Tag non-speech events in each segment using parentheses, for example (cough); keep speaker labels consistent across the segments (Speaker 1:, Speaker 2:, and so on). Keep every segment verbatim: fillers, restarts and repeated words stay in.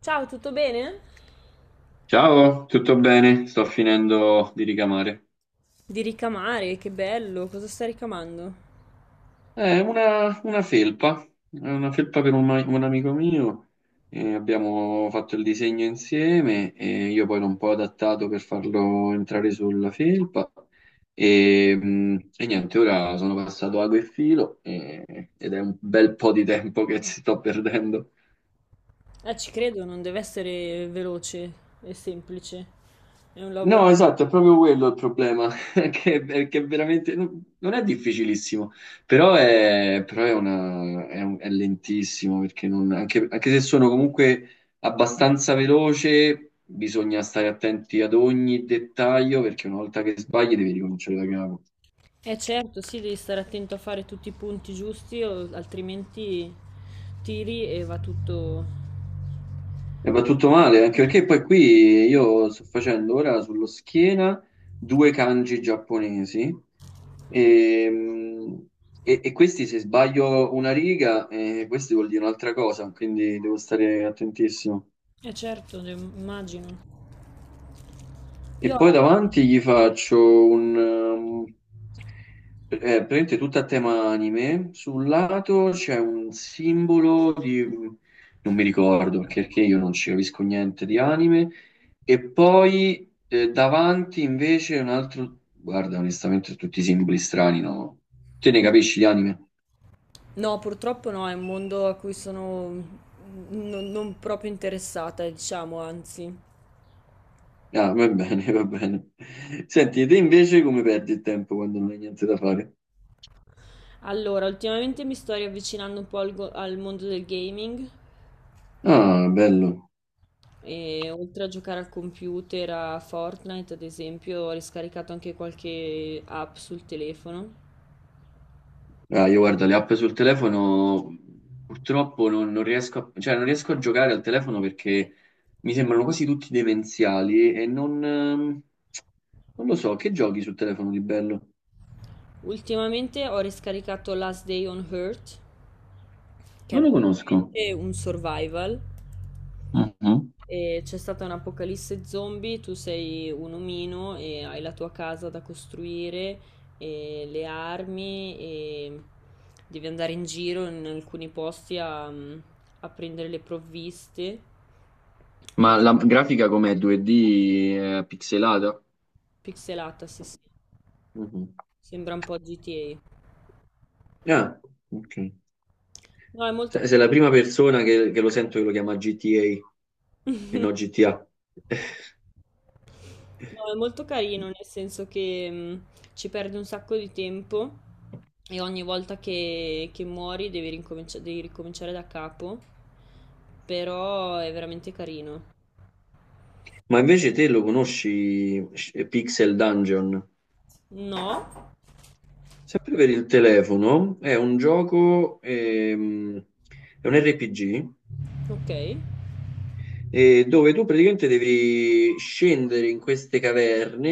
Speaker 1: Ciao, tutto bene?
Speaker 2: Ciao, tutto bene? Sto finendo di ricamare.
Speaker 1: Di ricamare, che bello, cosa sta ricamando?
Speaker 2: È una, una felpa, è una felpa per un, ma- un amico mio. E abbiamo fatto il disegno insieme e io poi l'ho un po' adattato per farlo entrare sulla felpa. E, mm, e niente, ora sono passato ago e filo e- ed è un bel po' di tempo che ci sto perdendo.
Speaker 1: Eh, ci credo, non deve essere veloce e semplice. È un lavoro.
Speaker 2: No, esatto, è proprio quello il problema, (laughs) che, che veramente no- non è difficilissimo, però è, però è una- è un- è lentissimo, perché non- anche, anche se sono comunque abbastanza veloce, bisogna stare attenti ad ogni dettaglio, perché una volta che sbagli devi ricominciare da capo.
Speaker 1: Eh certo, sì, devi stare attento a fare tutti i punti giusti, o- altrimenti tiri e va tutto.
Speaker 2: E va tutto male, anche perché poi qui io sto facendo ora sullo schiena due kanji giapponesi e, mm, e- e questi se sbaglio una riga, eh, questi vuol dire un'altra cosa, quindi devo stare attentissimo.
Speaker 1: Eh certo, de- immagino.
Speaker 2: E
Speaker 1: Io
Speaker 2: poi
Speaker 1: la-
Speaker 2: davanti gli faccio un, è praticamente tutta a tema anime. Sul lato c'è un simbolo di non mi ricordo perché perché io non ci capisco niente di anime. E poi eh, davanti invece un altro. Guarda, onestamente tutti i simboli strani, no? Te ne capisci di anime?
Speaker 1: No, purtroppo no, è un mondo a cui sono mm, non, non proprio interessata, diciamo, anzi.
Speaker 2: Ah, va bene, va bene. Senti, e te invece come perdi il tempo quando non hai niente da fare?
Speaker 1: Allora, ultimamente mi sto riavvicinando un po' al, go- al mondo del gaming.
Speaker 2: Ah, bello.
Speaker 1: E oltre a giocare al computer, a Fortnite, ad esempio, ho riscaricato anche qualche app sul telefono.
Speaker 2: Ah, io guardo le app sul telefono, purtroppo non, non riesco a, cioè, non riesco a giocare al telefono perché mi sembrano quasi tutti demenziali e non, ehm, non lo so, che giochi sul telefono di bello?
Speaker 1: Ultimamente ho riscaricato Last Day on Earth, che
Speaker 2: Non
Speaker 1: è
Speaker 2: lo conosco.
Speaker 1: praticamente un survival.
Speaker 2: Mhm.
Speaker 1: E c'è stata un'apocalisse zombie, tu sei un omino e hai la tua casa da costruire, e le armi e devi andare in giro in alcuni posti a, a prendere le provviste.
Speaker 2: Ma la grafica com'è? due D eh, pixelata?
Speaker 1: Pixelata, sì, sì.
Speaker 2: Mhm.
Speaker 1: Sembra un po' G T A.
Speaker 2: Ah, ok.
Speaker 1: No, è molto, no,
Speaker 2: Se- Sei la prima persona che, che lo sento che lo chiama G T A e non gi ti a. (laughs)
Speaker 1: è molto carino, nel senso che mh, ci perde un sacco di tempo e ogni volta che, che muori devi rincominci- devi ricominciare da capo, però è veramente carino.
Speaker 2: Ma invece te lo conosci, Sh- Pixel Dungeon?
Speaker 1: No?
Speaker 2: Sempre per il telefono, è un gioco, ehm, è un R P G
Speaker 1: Ok.
Speaker 2: eh, dove tu praticamente devi scendere in queste caverne,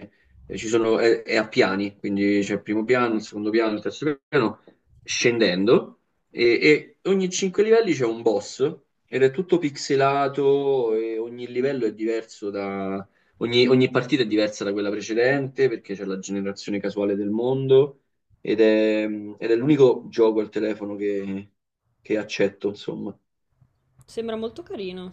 Speaker 2: eh, e ci sono, è, è a piani, quindi c'è il primo piano, il secondo piano, il terzo piano, scendendo, e, e ogni cinque livelli c'è un boss, ed è tutto pixelato, e ogni livello è diverso da. Ogni, ogni partita è diversa da quella precedente, perché c'è la generazione casuale del mondo, ed è, ed è l'unico gioco al telefono che che accetto, insomma.
Speaker 1: Sembra molto carino.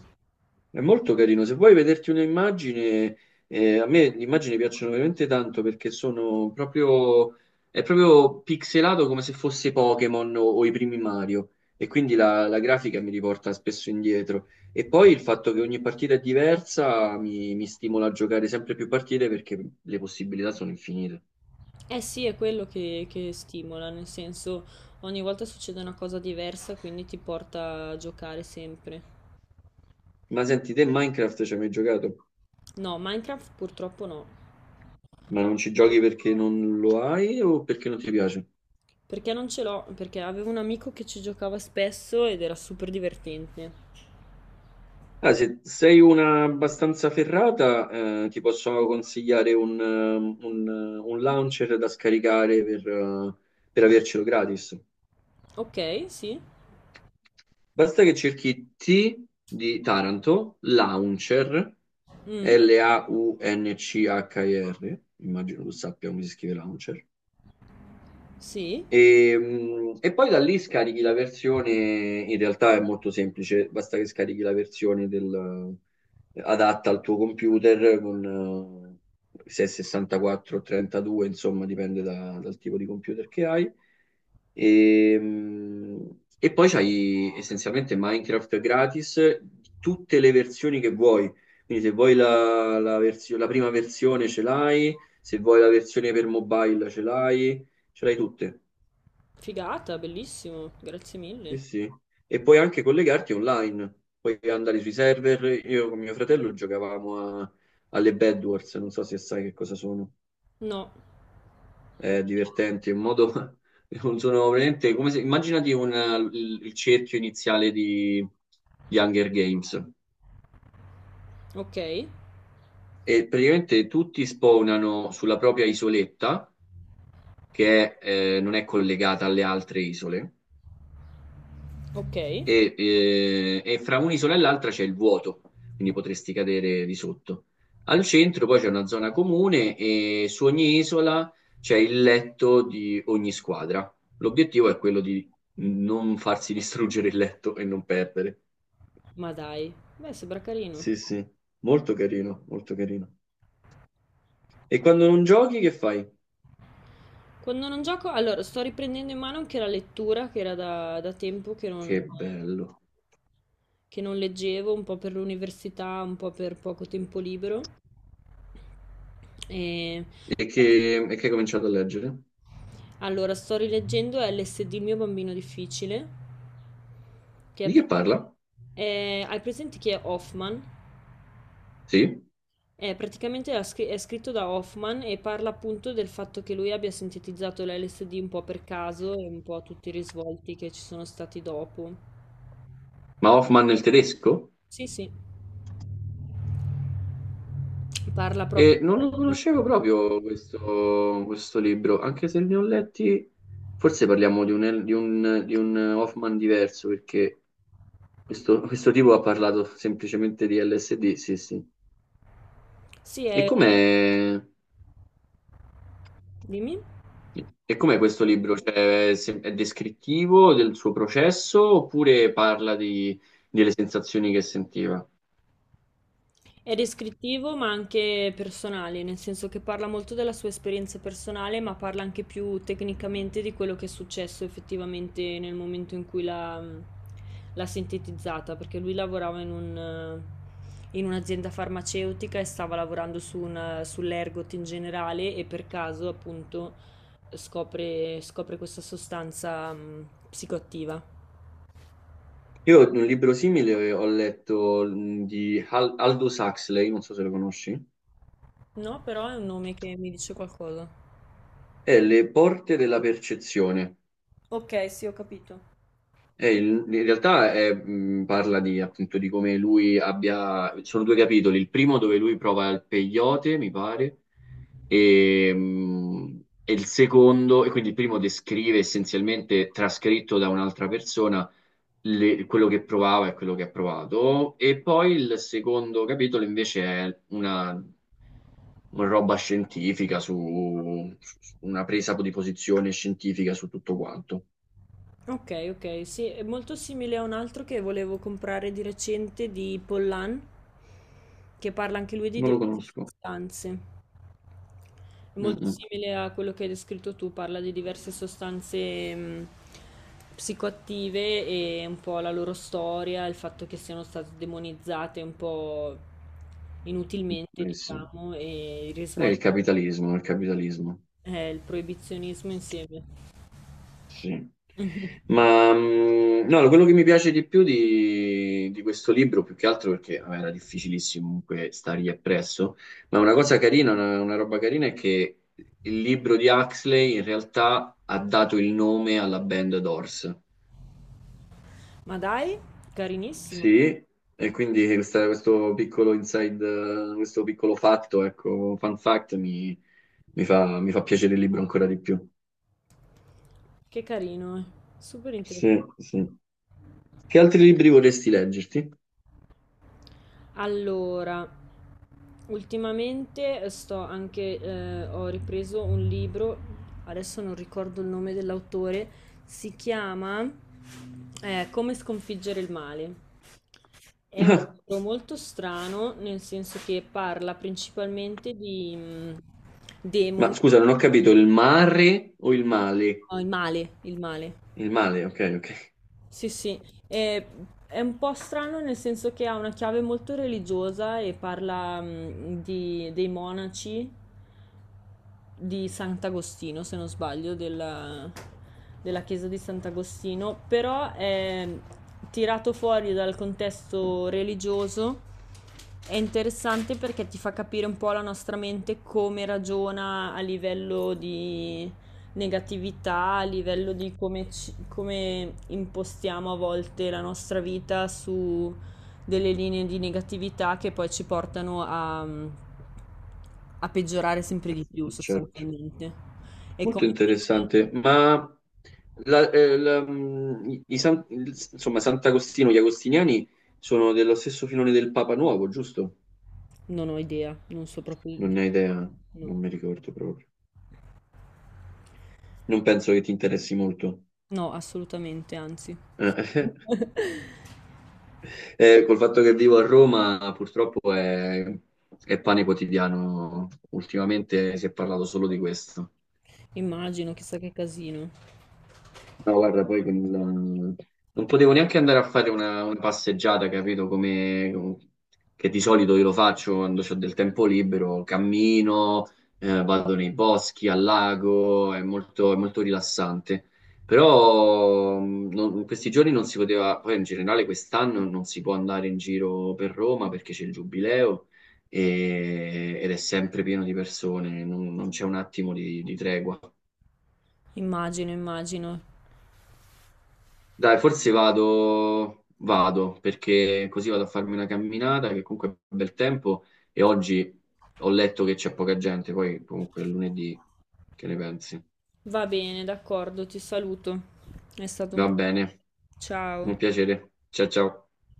Speaker 2: È molto carino. Se vuoi vederti un'immagine, eh, a me le immagini piacciono veramente tanto perché sono proprio, è proprio pixelato come se fosse Pokémon o, o i primi Mario. E quindi la, la grafica mi riporta spesso indietro. E poi il fatto che ogni partita è diversa mi, mi stimola a giocare sempre più partite perché le possibilità sono infinite.
Speaker 1: Eh sì, è quello che, che stimola, nel senso ogni volta succede una cosa diversa, quindi ti porta a giocare sempre.
Speaker 2: Ma senti, te Minecraft ci hai mai giocato?
Speaker 1: No, Minecraft purtroppo no.
Speaker 2: Ma non ci giochi perché non lo hai o perché non ti piace?
Speaker 1: Perché non ce l'ho? Perché avevo un amico che ci giocava spesso ed era super divertente.
Speaker 2: Ah, se sei una abbastanza ferrata, eh, ti posso consigliare un, ehm, un, eh, un launcher da scaricare per, eh, per avercelo gratis.
Speaker 1: Ok, sì.
Speaker 2: Basta che cerchi T di Taranto, launcher,
Speaker 1: Mm,
Speaker 2: L-A-U-N-C-H-I-R, immagino tu sappia come si scrive launcher.
Speaker 1: sì.
Speaker 2: E, mh, e poi da lì scarichi la versione, in realtà è molto semplice, basta che scarichi la versione del, adatta al tuo computer con eh, se è sessantaquattro o trentadue, insomma, dipende da- dal tipo di computer che hai. E, mh, e poi c'hai essenzialmente Minecraft gratis, tutte le versioni che vuoi. Quindi se vuoi la, la versio- la prima versione ce l'hai, se vuoi la versione per mobile ce l'hai, ce l'hai tutte.
Speaker 1: Figata, bellissimo. Grazie mille.
Speaker 2: Sì, sì. E puoi anche collegarti online, puoi andare sui server. Io con mio fratello giocavamo a- alle Bed Wars, non so se sai che cosa sono.
Speaker 1: No.
Speaker 2: È divertente, è un modo. (laughs) Non sono veramente come se. Immaginati un, il, il cerchio iniziale di, di Hunger Games.
Speaker 1: Ok.
Speaker 2: E praticamente tutti spawnano sulla propria isoletta, che è, eh, non è collegata alle altre isole.
Speaker 1: Ok.
Speaker 2: E, eh, e fra un'isola e l'altra c'è il vuoto, quindi potresti cadere di sotto. Al centro poi c'è una zona comune e su ogni isola c'è il letto di ogni squadra. L'obiettivo è quello di non farsi (laughs) distruggere il letto e non perdere.
Speaker 1: Ma dai. Beh, sembra carino.
Speaker 2: Sì, sì, molto carino, molto carino. E quando non giochi, che fai?
Speaker 1: Quando non gioco... Allora, sto riprendendo in mano anche la lettura, che era da, da tempo che
Speaker 2: Che
Speaker 1: non,
Speaker 2: bello.
Speaker 1: che non leggevo, un po' per l'università, un po' per poco tempo libero. E...
Speaker 2: E che, e che hai cominciato a leggere?
Speaker 1: Allora, sto rileggendo L S D il mio bambino difficile, che è
Speaker 2: Di che
Speaker 1: pra-
Speaker 2: parla?
Speaker 1: è- hai presente chi è Hoffman?
Speaker 2: Sì?
Speaker 1: È praticamente la scri- è scritto da Hoffman e parla appunto del fatto che lui abbia sintetizzato l'LSD un po' per caso e un po' a tutti i risvolti che ci sono stati dopo.
Speaker 2: Ma Hoffman nel tedesco?
Speaker 1: Sì, sì, parla proprio.
Speaker 2: E non lo conoscevo proprio questo, questo libro, anche se ne ho letti, forse parliamo di un, di un- di un Hoffman diverso, perché questo, questo tipo ha parlato semplicemente di L S D, sì, sì.
Speaker 1: Sì,
Speaker 2: E
Speaker 1: è...
Speaker 2: com'è,
Speaker 1: dimmi.
Speaker 2: e com'è questo libro? Cioè, è, sem- è descrittivo del suo processo oppure parla di- delle sensazioni che sentiva?
Speaker 1: È descrittivo ma anche personale, nel senso che parla molto della sua esperienza personale, ma parla anche più tecnicamente di quello che è successo effettivamente nel momento in cui l'ha l'ha sintetizzata, perché lui lavorava in un, eh, in un'azienda farmaceutica e stava lavorando su una- sull'ergot in generale e per caso appunto scopre, scopre questa sostanza mh, psicoattiva.
Speaker 2: Io un libro simile ho letto mh, di Al- Aldous Huxley, non so se lo conosci.
Speaker 1: No, però è un nome che mi dice qualcosa.
Speaker 2: È Le porte della percezione.
Speaker 1: Ok, sì, ho capito.
Speaker 2: È il- in realtà è, mh, parla di, appunto, di come lui abbia. Sono due capitoli. Il primo dove lui prova il peyote, mi pare, e, mh, e il secondo, e quindi il primo descrive essenzialmente, trascritto da un'altra persona, le- quello che provava e quello che ha provato. E poi il secondo capitolo invece è una, una roba scientifica su, su- su una presa di posizione scientifica su tutto quanto.
Speaker 1: Ok, ok, sì, è molto simile a un altro che volevo comprare di recente di Pollan, che parla anche lui di
Speaker 2: Non lo
Speaker 1: diverse
Speaker 2: conosco.
Speaker 1: sostanze. È
Speaker 2: Mm,
Speaker 1: molto
Speaker 2: mm.
Speaker 1: simile a quello che hai descritto tu, parla di diverse sostanze mh, psicoattive e un po' la loro storia, il fatto che siano state demonizzate un po' inutilmente,
Speaker 2: Eh sì.
Speaker 1: diciamo, e il
Speaker 2: È
Speaker 1: risvolto,
Speaker 2: il capitalismo, il capitalismo.
Speaker 1: eh, il proibizionismo insieme.
Speaker 2: Sì.
Speaker 1: (laughs)
Speaker 2: Ma mm, no, quello che mi piace di più di, di questo libro, più che altro perché vabbè, era difficilissimo comunque stargli appresso, ma una cosa carina, una, una roba carina è che il libro di Huxley in realtà ha dato il nome alla band Doors.
Speaker 1: Ma dai, carinissimo.
Speaker 2: Sì, e quindi questa- questo piccolo inside, eh, questo piccolo fatto, ecco, fun fact, mi, mi fa, mi fa piacere il libro ancora di più.
Speaker 1: Che carino, eh. Super
Speaker 2: Sì,
Speaker 1: interessante.
Speaker 2: sì. Che altri libri vorresti leggerti?
Speaker 1: Allora, ultimamente eh, sto anche, eh, ho ripreso un libro, adesso non ricordo il nome dell'autore, si chiama eh, Come sconfiggere il male. È un
Speaker 2: (laughs)
Speaker 1: libro molto strano, nel senso che parla principalmente di mm, demoni,
Speaker 2: Ma scusa, non ho capito, il mare o il male?
Speaker 1: no, il male, il male.
Speaker 2: Il male, ok, ok.
Speaker 1: Sì, sì, è, è un po' strano nel senso che ha una chiave molto religiosa e parla mh, di- dei monaci di Sant'Agostino, se non sbaglio, della, della chiesa di Sant'Agostino, però è tirato fuori dal contesto religioso. È interessante perché ti fa capire un po' la nostra mente come ragiona a livello di negatività, a livello di come, ci- come impostiamo a volte la nostra vita su delle linee di negatività che poi ci portano a, a peggiorare sempre di più
Speaker 2: (laughs) Certo,
Speaker 1: sostanzialmente. E
Speaker 2: molto
Speaker 1: come invece-
Speaker 2: interessante. Ma la- eh, la- mm, i san- insomma, Sant'Agostino, gli Agostiniani sono dello stesso filone del Papa Nuovo, giusto?
Speaker 1: Non ho idea, non so proprio...
Speaker 2: Non ne ho idea,
Speaker 1: No,
Speaker 2: non mi ricordo proprio. Non penso che ti interessi molto.
Speaker 1: no, assolutamente, anzi.
Speaker 2: Eh, (laughs)
Speaker 1: (laughs)
Speaker 2: eh, col fatto che vivo a Roma, purtroppo è, è pane quotidiano. Ultimamente si è parlato solo di questo.
Speaker 1: Immagino, chissà che casino.
Speaker 2: No, guarda, poi con il- non potevo neanche andare a fare una, una passeggiata, capito? Come. Che di solito io lo faccio quando ho del tempo libero, cammino, eh, vado nei boschi, al lago, è molto, è molto rilassante. Però mh, non- in questi giorni non si poteva, poi in generale quest'anno non si può andare in giro per Roma perché c'è il giubileo e- ed è sempre pieno di persone, non, non c'è un attimo di di tregua.
Speaker 1: Immagino, immagino.
Speaker 2: Dai, forse vado, vado, perché così vado a farmi una camminata, che comunque è bel tempo, e oggi ho letto che c'è poca gente, poi comunque è lunedì, che ne pensi?
Speaker 1: Va bene, d'accordo, ti saluto. È stato un
Speaker 2: Va
Speaker 1: piacere.
Speaker 2: bene,
Speaker 1: Ciao.
Speaker 2: un piacere. Ciao ciao.